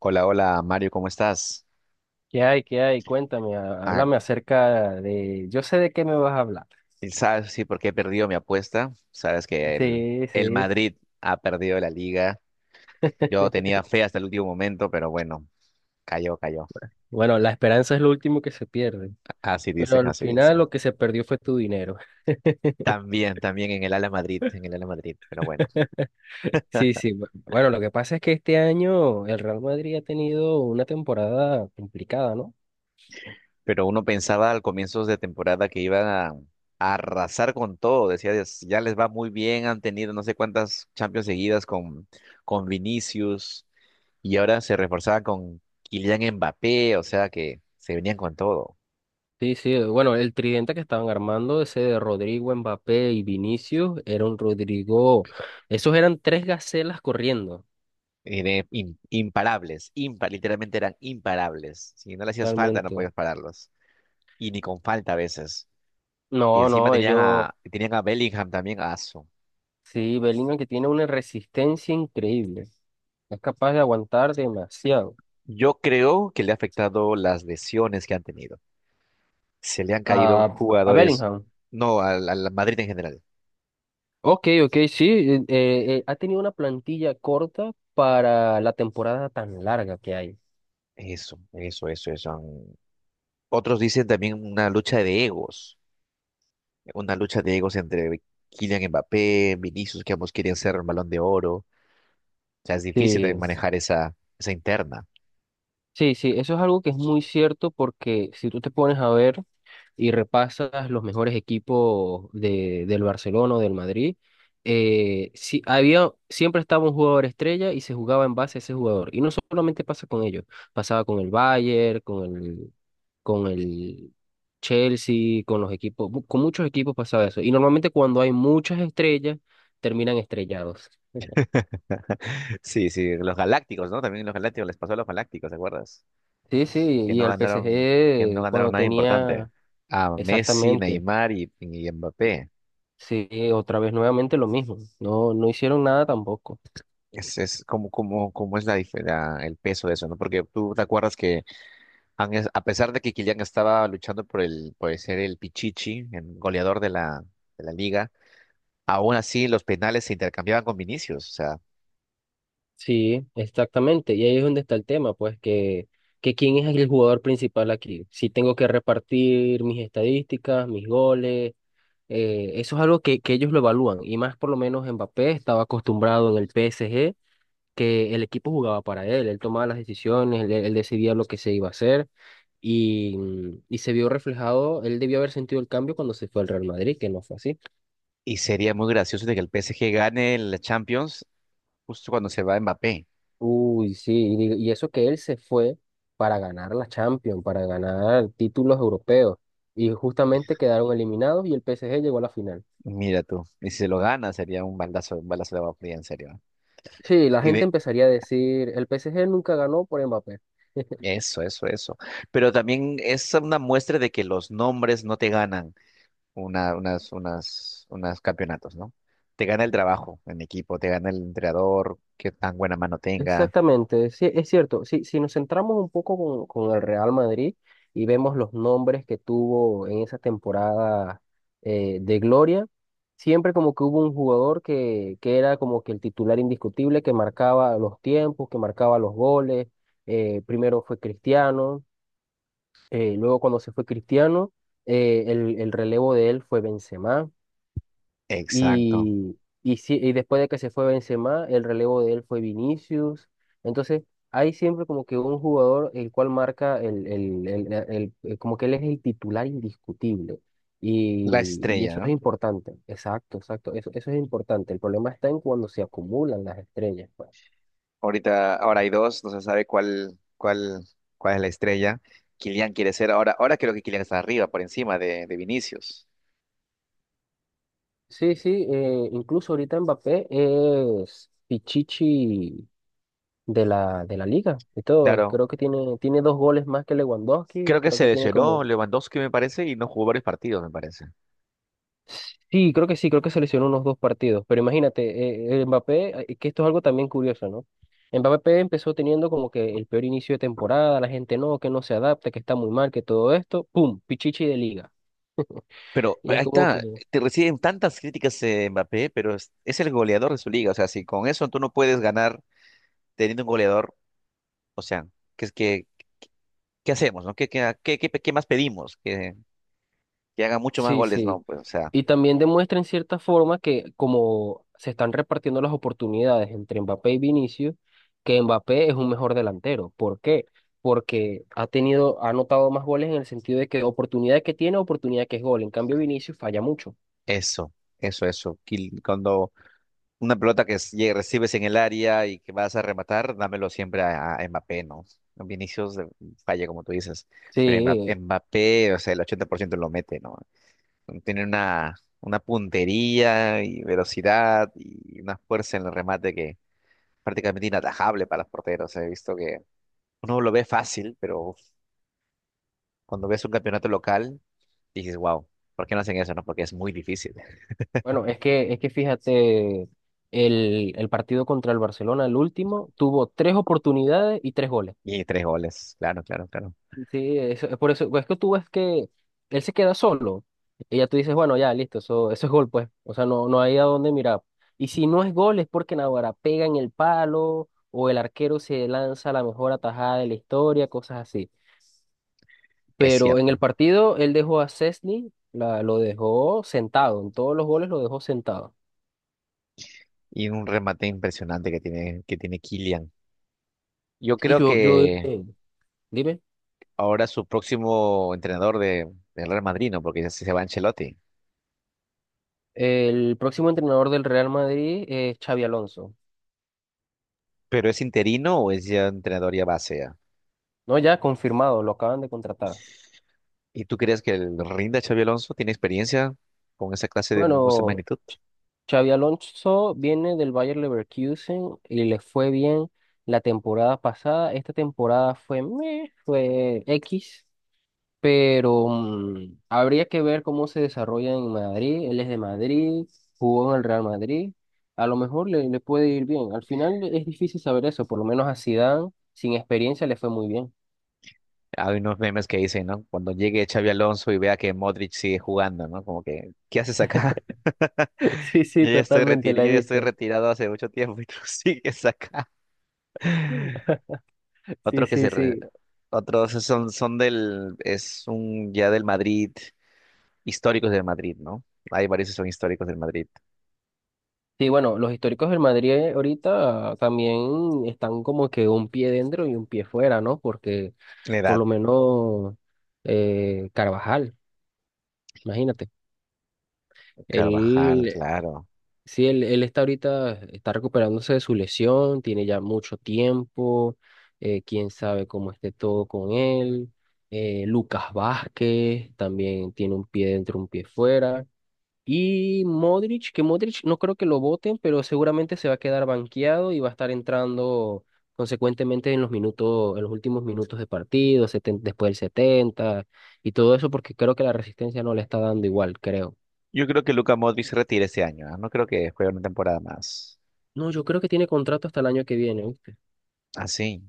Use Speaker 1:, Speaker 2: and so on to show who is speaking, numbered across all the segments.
Speaker 1: Hola, hola Mario, ¿cómo estás?
Speaker 2: ¿Qué hay? ¿Qué hay? Cuéntame,
Speaker 1: Ah,
Speaker 2: háblame acerca de... Yo sé de qué me vas a hablar.
Speaker 1: ¿y sabes por qué he perdido mi apuesta? Sabes que el,
Speaker 2: Sí,
Speaker 1: el
Speaker 2: sí.
Speaker 1: Madrid ha perdido la liga. Yo tenía fe hasta el último momento, pero bueno, cayó, cayó.
Speaker 2: Bueno, la esperanza es lo último que se pierde,
Speaker 1: Así
Speaker 2: pero
Speaker 1: dicen,
Speaker 2: al
Speaker 1: así
Speaker 2: final
Speaker 1: dicen.
Speaker 2: lo que se perdió fue tu dinero.
Speaker 1: También en el Ala Madrid, en el Ala Madrid, pero bueno.
Speaker 2: Sí, sí. Bueno, lo que pasa es que este año el Real Madrid ha tenido una temporada complicada, ¿no?
Speaker 1: Pero uno pensaba al comienzo de temporada que iban a arrasar con todo. Decía: "Dios, ya les va muy bien, han tenido no sé cuántas Champions seguidas con Vinicius. Y ahora se reforzaban con Kylian Mbappé, o sea que se venían con todo.
Speaker 2: Sí, sí. Bueno, el tridente que estaban armando, ese de Rodrigo, Mbappé y Vinicius, era un Rodrigo... Esos eran tres gacelas corriendo,
Speaker 1: Y de im- imparables, impa- literalmente eran imparables. Si no le hacías falta, no
Speaker 2: totalmente.
Speaker 1: podías pararlos. Y ni con falta a veces. Y
Speaker 2: No,
Speaker 1: encima
Speaker 2: no,
Speaker 1: tenían
Speaker 2: ellos...
Speaker 1: a, tenían a Bellingham también, a Asu".
Speaker 2: Sí, Bellingham que tiene una resistencia increíble. Es capaz de aguantar demasiado.
Speaker 1: Yo creo que le ha afectado las lesiones que han tenido. Se le han caído
Speaker 2: A, a
Speaker 1: jugadores,
Speaker 2: Bellingham.
Speaker 1: no, al Madrid en general.
Speaker 2: Ok, ok, sí. Ha tenido una plantilla corta para la temporada tan larga que hay.
Speaker 1: Eso, eso, eso, eso. han- Otros dicen también una lucha de egos. Entre Kylian Mbappé, Vinicius, que ambos querían ser el Balón de Oro. O sea, es difícil también
Speaker 2: Sí,
Speaker 1: manejar esa interna.
Speaker 2: sí, sí. Eso es algo que es muy cierto porque si tú te pones a ver. Y repasas los mejores equipos del Barcelona o del Madrid, sí, había, siempre estaba un jugador estrella y se jugaba en base a ese jugador. Y no solamente pasa con ellos, pasaba con el Bayern, con el Chelsea, con los equipos, con muchos equipos pasaba eso. Y normalmente cuando hay muchas estrellas, terminan estrellados.
Speaker 1: Sí, sí, los Galácticos, ¿no? También los Galácticos les pasó a los Galácticos, ¿te acuerdas?
Speaker 2: Sí, sí,
Speaker 1: Que
Speaker 2: y
Speaker 1: no
Speaker 2: al
Speaker 1: ganaron, que no
Speaker 2: PSG
Speaker 1: ganaron
Speaker 2: cuando
Speaker 1: nada importante.
Speaker 2: tenía
Speaker 1: A Messi,
Speaker 2: exactamente,
Speaker 1: Neymar y
Speaker 2: y-
Speaker 1: Mbappé.
Speaker 2: sí, otra vez nuevamente lo mismo, no, no hicieron nada tampoco.
Speaker 1: Es como, como, como es la, dif- la- El peso de eso, ¿no? Porque tú te acuerdas que a pesar de que Kylian estaba luchando por por ser el Pichichi, el goleador de de la liga. Aún así, los penales se intercambiaban con Vinicius. O sea,
Speaker 2: Sí, exactamente. Y ahí es donde está el tema, que quién es el jugador principal aquí. Si tengo que repartir mis estadísticas, mis goles, eso es algo que ellos lo evalúan. Y más por lo menos Mbappé estaba acostumbrado en el PSG que el equipo jugaba para él, él tomaba las decisiones, él decidía lo que se iba a hacer y, y se vio reflejado, él debió haber sentido el cambio cuando se fue al Real Madrid, que no fue así.
Speaker 1: y sería muy gracioso de que el PSG gane la Champions justo cuando se va Mbappé.
Speaker 2: Uy, sí, y, y eso que él se fue para ganar la Champions, para ganar títulos europeos, y justamente quedaron eliminados y el PSG llegó a la final.
Speaker 1: Mira tú, y si se lo gana sería un baldazo, un balazo de agua fría, en serio, ¿eh?
Speaker 2: Sí, la
Speaker 1: Y
Speaker 2: gente
Speaker 1: de
Speaker 2: empezaría a decir, el PSG nunca ganó por Mbappé.
Speaker 1: eso. Pero también es una muestra de que los nombres no te ganan una, unas, unas, unas campeonatos, ¿no? Te gana el trabajo en equipo, te gana el entrenador, qué tan buena mano tenga.
Speaker 2: Exactamente, sí, es cierto. Si, si nos centramos un poco con el Real Madrid y vemos los nombres que tuvo en esa temporada de gloria, siempre como que hubo un jugador que era como que el titular indiscutible, que marcaba los tiempos, que marcaba los goles. Primero fue Cristiano, luego cuando se fue Cristiano, el relevo de él fue Benzema.
Speaker 1: Exacto.
Speaker 2: Y, y, y después de que se fue Benzema, el relevo de él fue Vinicius. Entonces, hay siempre como que un jugador el cual marca como que él es el titular indiscutible.
Speaker 1: La
Speaker 2: Y
Speaker 1: estrella,
Speaker 2: eso es
Speaker 1: ¿no?
Speaker 2: importante. Exacto, exacto. Eso es importante. El problema está en cuando se acumulan las estrellas, pues.
Speaker 1: Ahora hay dos, no se sabe cuál es la estrella. Kylian quiere ser ahora creo que Kylian está arriba, por encima de Vinicius.
Speaker 2: Sí, sí, incluso ahorita Mbappé es Pichichi de la liga y todo.
Speaker 1: Claro,
Speaker 2: Creo que tiene dos goles más que Lewandowski, y
Speaker 1: creo que
Speaker 2: creo
Speaker 1: se
Speaker 2: que tiene como
Speaker 1: lesionó Lewandowski, me parece, y no jugó varios partidos, me parece.
Speaker 2: Sí, creo que se lesionó unos dos partidos, pero imagínate, el Mbappé, que esto es algo también curioso, ¿no? Mbappé empezó teniendo como que el peor inicio de temporada, la gente no, que no se adapta, que está muy mal, que todo esto, ¡pum!, pichichi de liga.
Speaker 1: Pero
Speaker 2: Y es
Speaker 1: ahí
Speaker 2: como que,
Speaker 1: está, te reciben tantas críticas, Mbappé, pero es el goleador de su liga. O sea, si con eso tú no puedes ganar teniendo un goleador, o sea, ¿qué, es que qué hacemos, no? Qué más pedimos? Que haga mucho más
Speaker 2: sí,
Speaker 1: goles? No,
Speaker 2: sí.
Speaker 1: pues, o sea,
Speaker 2: Y también demuestra en cierta forma que como se están repartiendo las oportunidades entre Mbappé y Vinicius, que Mbappé es un mejor delantero. ¿Por qué? Porque ha tenido, ha anotado más goles en el sentido de que oportunidad que tiene, oportunidad que es gol. En cambio, Vinicius falla mucho.
Speaker 1: eso, Cuando una pelota recibes en el área y que vas a rematar, dámelo siempre a Mbappé, ¿no? Vinicius falla, como tú dices, pero Mbappé,
Speaker 2: Sí,
Speaker 1: Mbappé, o sea, el 80% lo mete, ¿no? Tiene una puntería y velocidad y una fuerza en el remate que prácticamente inatajable para los porteros. He visto que uno lo ve fácil, pero cuando ves un campeonato local, dices, wow, ¿por qué no hacen eso, no? Porque es muy difícil.
Speaker 2: bueno, es que fíjate, el partido contra el Barcelona, el último, tuvo tres oportunidades y tres goles.
Speaker 1: Y tres goles, claro, claro, claro.
Speaker 2: Sí, eso, por eso, pues, es que tú ves que él se queda solo y ya tú dices, bueno, ya, listo, eso es gol, pues, o sea, no, no hay a dónde mirar. Y si no es gol es porque Naguará pega en el palo o el arquero se lanza la mejor atajada de la historia, cosas así.
Speaker 1: Es
Speaker 2: Pero en el
Speaker 1: cierto.
Speaker 2: partido él dejó a Szczęsny, la lo dejó sentado, en todos los goles lo dejó sentado.
Speaker 1: Y un remate impresionante que tiene Kylian. Yo
Speaker 2: Y
Speaker 1: creo
Speaker 2: yo, yo,
Speaker 1: que
Speaker 2: eh, Dime,
Speaker 1: ahora su próximo entrenador del Real Madrid, ¿no? Porque ya se va Ancelotti.
Speaker 2: el próximo entrenador del Real Madrid es Xavi Alonso,
Speaker 1: ¿Pero es interino o es ya entrenador ya base ya?
Speaker 2: ¿no? Ya confirmado, lo acaban de contratar.
Speaker 1: ¿Y tú crees que el rinda Xabi Alonso tiene experiencia con esa clase de con esa
Speaker 2: Bueno,
Speaker 1: magnitud?
Speaker 2: Xavi Alonso viene del Bayer Leverkusen y le fue bien la temporada pasada. Esta temporada fue meh, fue X, pero mm, habría que ver cómo se desarrolla en Madrid. Él es de Madrid, jugó en el Real Madrid. A lo mejor le puede ir bien. Al final es difícil saber eso, por lo menos a Zidane, sin experiencia, le fue muy bien.
Speaker 1: Hay unos memes que dicen, ¿no? Cuando llegue Xabi Alonso y vea que Modric sigue jugando, ¿no? Como que, ¿qué haces acá?
Speaker 2: Sí, sí,
Speaker 1: Yo ya estoy
Speaker 2: totalmente
Speaker 1: retirado,
Speaker 2: la he
Speaker 1: yo ya estoy
Speaker 2: visto.
Speaker 1: retirado hace mucho tiempo y tú sigues acá.
Speaker 2: Sí,
Speaker 1: Otro que se
Speaker 2: sí,
Speaker 1: re-
Speaker 2: sí.
Speaker 1: Otros son, es un ya del Madrid, históricos del Madrid, ¿no? Hay varios que son históricos del Madrid.
Speaker 2: Sí, bueno, los históricos del Madrid ahorita también están como que un pie dentro y un pie fuera, ¿no? Porque por
Speaker 1: Edad
Speaker 2: lo menos Carvajal, imagínate,
Speaker 1: Carvajal,
Speaker 2: él,
Speaker 1: claro.
Speaker 2: sí, él está ahorita, está recuperándose de su lesión, tiene ya mucho tiempo, quién sabe cómo esté todo con él. Lucas Vázquez también tiene un pie dentro, un pie fuera. Y Modric, que Modric no creo que lo voten, pero seguramente se va a quedar banqueado y va a estar entrando consecuentemente en los minutos, en los últimos minutos de partido, después del 70 y todo eso, porque creo que la resistencia no le está dando igual, creo.
Speaker 1: Yo creo que Luka Modric se retira este año, ¿ah? No creo que juegue una temporada más.
Speaker 2: No, yo creo que tiene contrato hasta el año que viene, ¿viste?
Speaker 1: Así.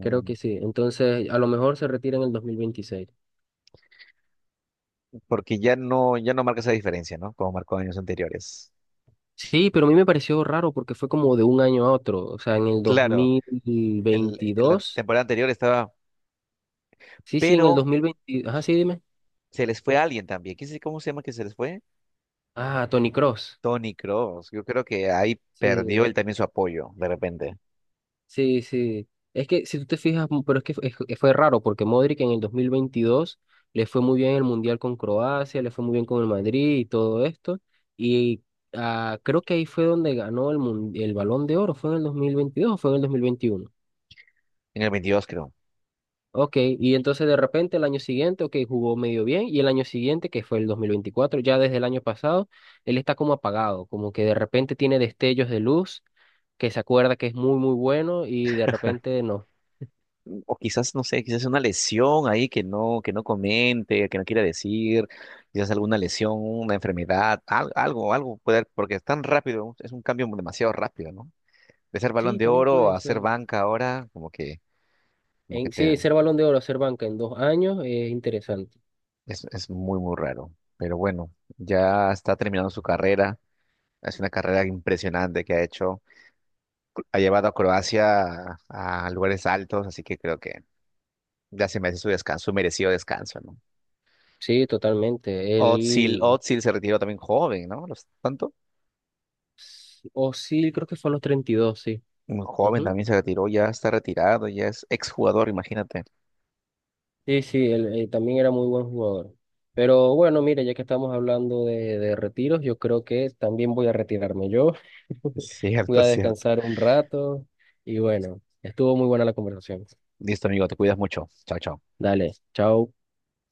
Speaker 2: Creo que sí. Entonces, a lo mejor se retira en el 2026.
Speaker 1: porque ya no, ya no marca esa diferencia, ¿no? Como marcó años anteriores.
Speaker 2: Sí, pero a mí me pareció raro porque fue como de un año a otro, o sea, en el dos
Speaker 1: Claro,
Speaker 2: mil
Speaker 1: el, en la
Speaker 2: veintidós
Speaker 1: temporada anterior estaba,
Speaker 2: Sí, sí, en el
Speaker 1: pero
Speaker 2: 2020. Ajá, sí, dime.
Speaker 1: se les fue alguien también. ¿Quién sabe cómo se llama que se les fue?
Speaker 2: Ah, Tony Cross.
Speaker 1: Tony Cross, yo creo que ahí perdió
Speaker 2: Sí,
Speaker 1: él también su apoyo, de repente.
Speaker 2: sí, sí. Es que si tú te fijas, m- pero es que f- es- fue raro porque Modric en el 2022 le fue muy bien el Mundial con Croacia, le fue muy bien con el Madrid y todo esto. Y ah, creo que ahí fue donde ganó el Balón de Oro, ¿fue en el 2022 o fue en el 2021?
Speaker 1: En el 22, creo.
Speaker 2: Ok, y entonces de repente el año siguiente, ok, jugó medio bien y el año siguiente, que fue el 2024 ya desde el año pasado, él está como apagado, como que de repente tiene destellos de luz que se acuerda que es muy muy bueno y de repente no.
Speaker 1: O quizás, no sé, quizás una lesión ahí que no comente, que no quiera decir, quizás alguna lesión, una enfermedad, algo, algo puede haber, porque es tan rápido, es un cambio demasiado rápido, ¿no? De ser balón
Speaker 2: Sí,
Speaker 1: de
Speaker 2: también
Speaker 1: oro
Speaker 2: puede
Speaker 1: a ser
Speaker 2: ser.
Speaker 1: banca ahora, como que
Speaker 2: En,
Speaker 1: te,
Speaker 2: sí, ser Balón de Oro, ser banca en 2 años es interesante.
Speaker 1: es muy, muy raro. Pero bueno, ya está terminando su carrera. Es una carrera impresionante que ha hecho. Ha llevado a Croacia a lugares altos, así que creo que ya se merece su descanso, su merecido descanso, ¿no?
Speaker 2: Sí, totalmente. Él,
Speaker 1: Özil se retiró también joven, ¿no? ¿Los- tanto?
Speaker 2: o sí, creo que fue a los 32 sí.
Speaker 1: Muy joven
Speaker 2: Ujú.
Speaker 1: también se retiró, ya está retirado, ya es exjugador, imagínate.
Speaker 2: Sí, sí, él, también era muy buen jugador. Pero bueno, mire, ya que estamos hablando de retiros, yo creo que también voy a retirarme yo. Voy
Speaker 1: Cierto,
Speaker 2: a
Speaker 1: cierto.
Speaker 2: descansar un rato y bueno, estuvo muy buena la conversación.
Speaker 1: Listo, amigo, te cuidas mucho. Chao, chao.
Speaker 2: Dale, chao.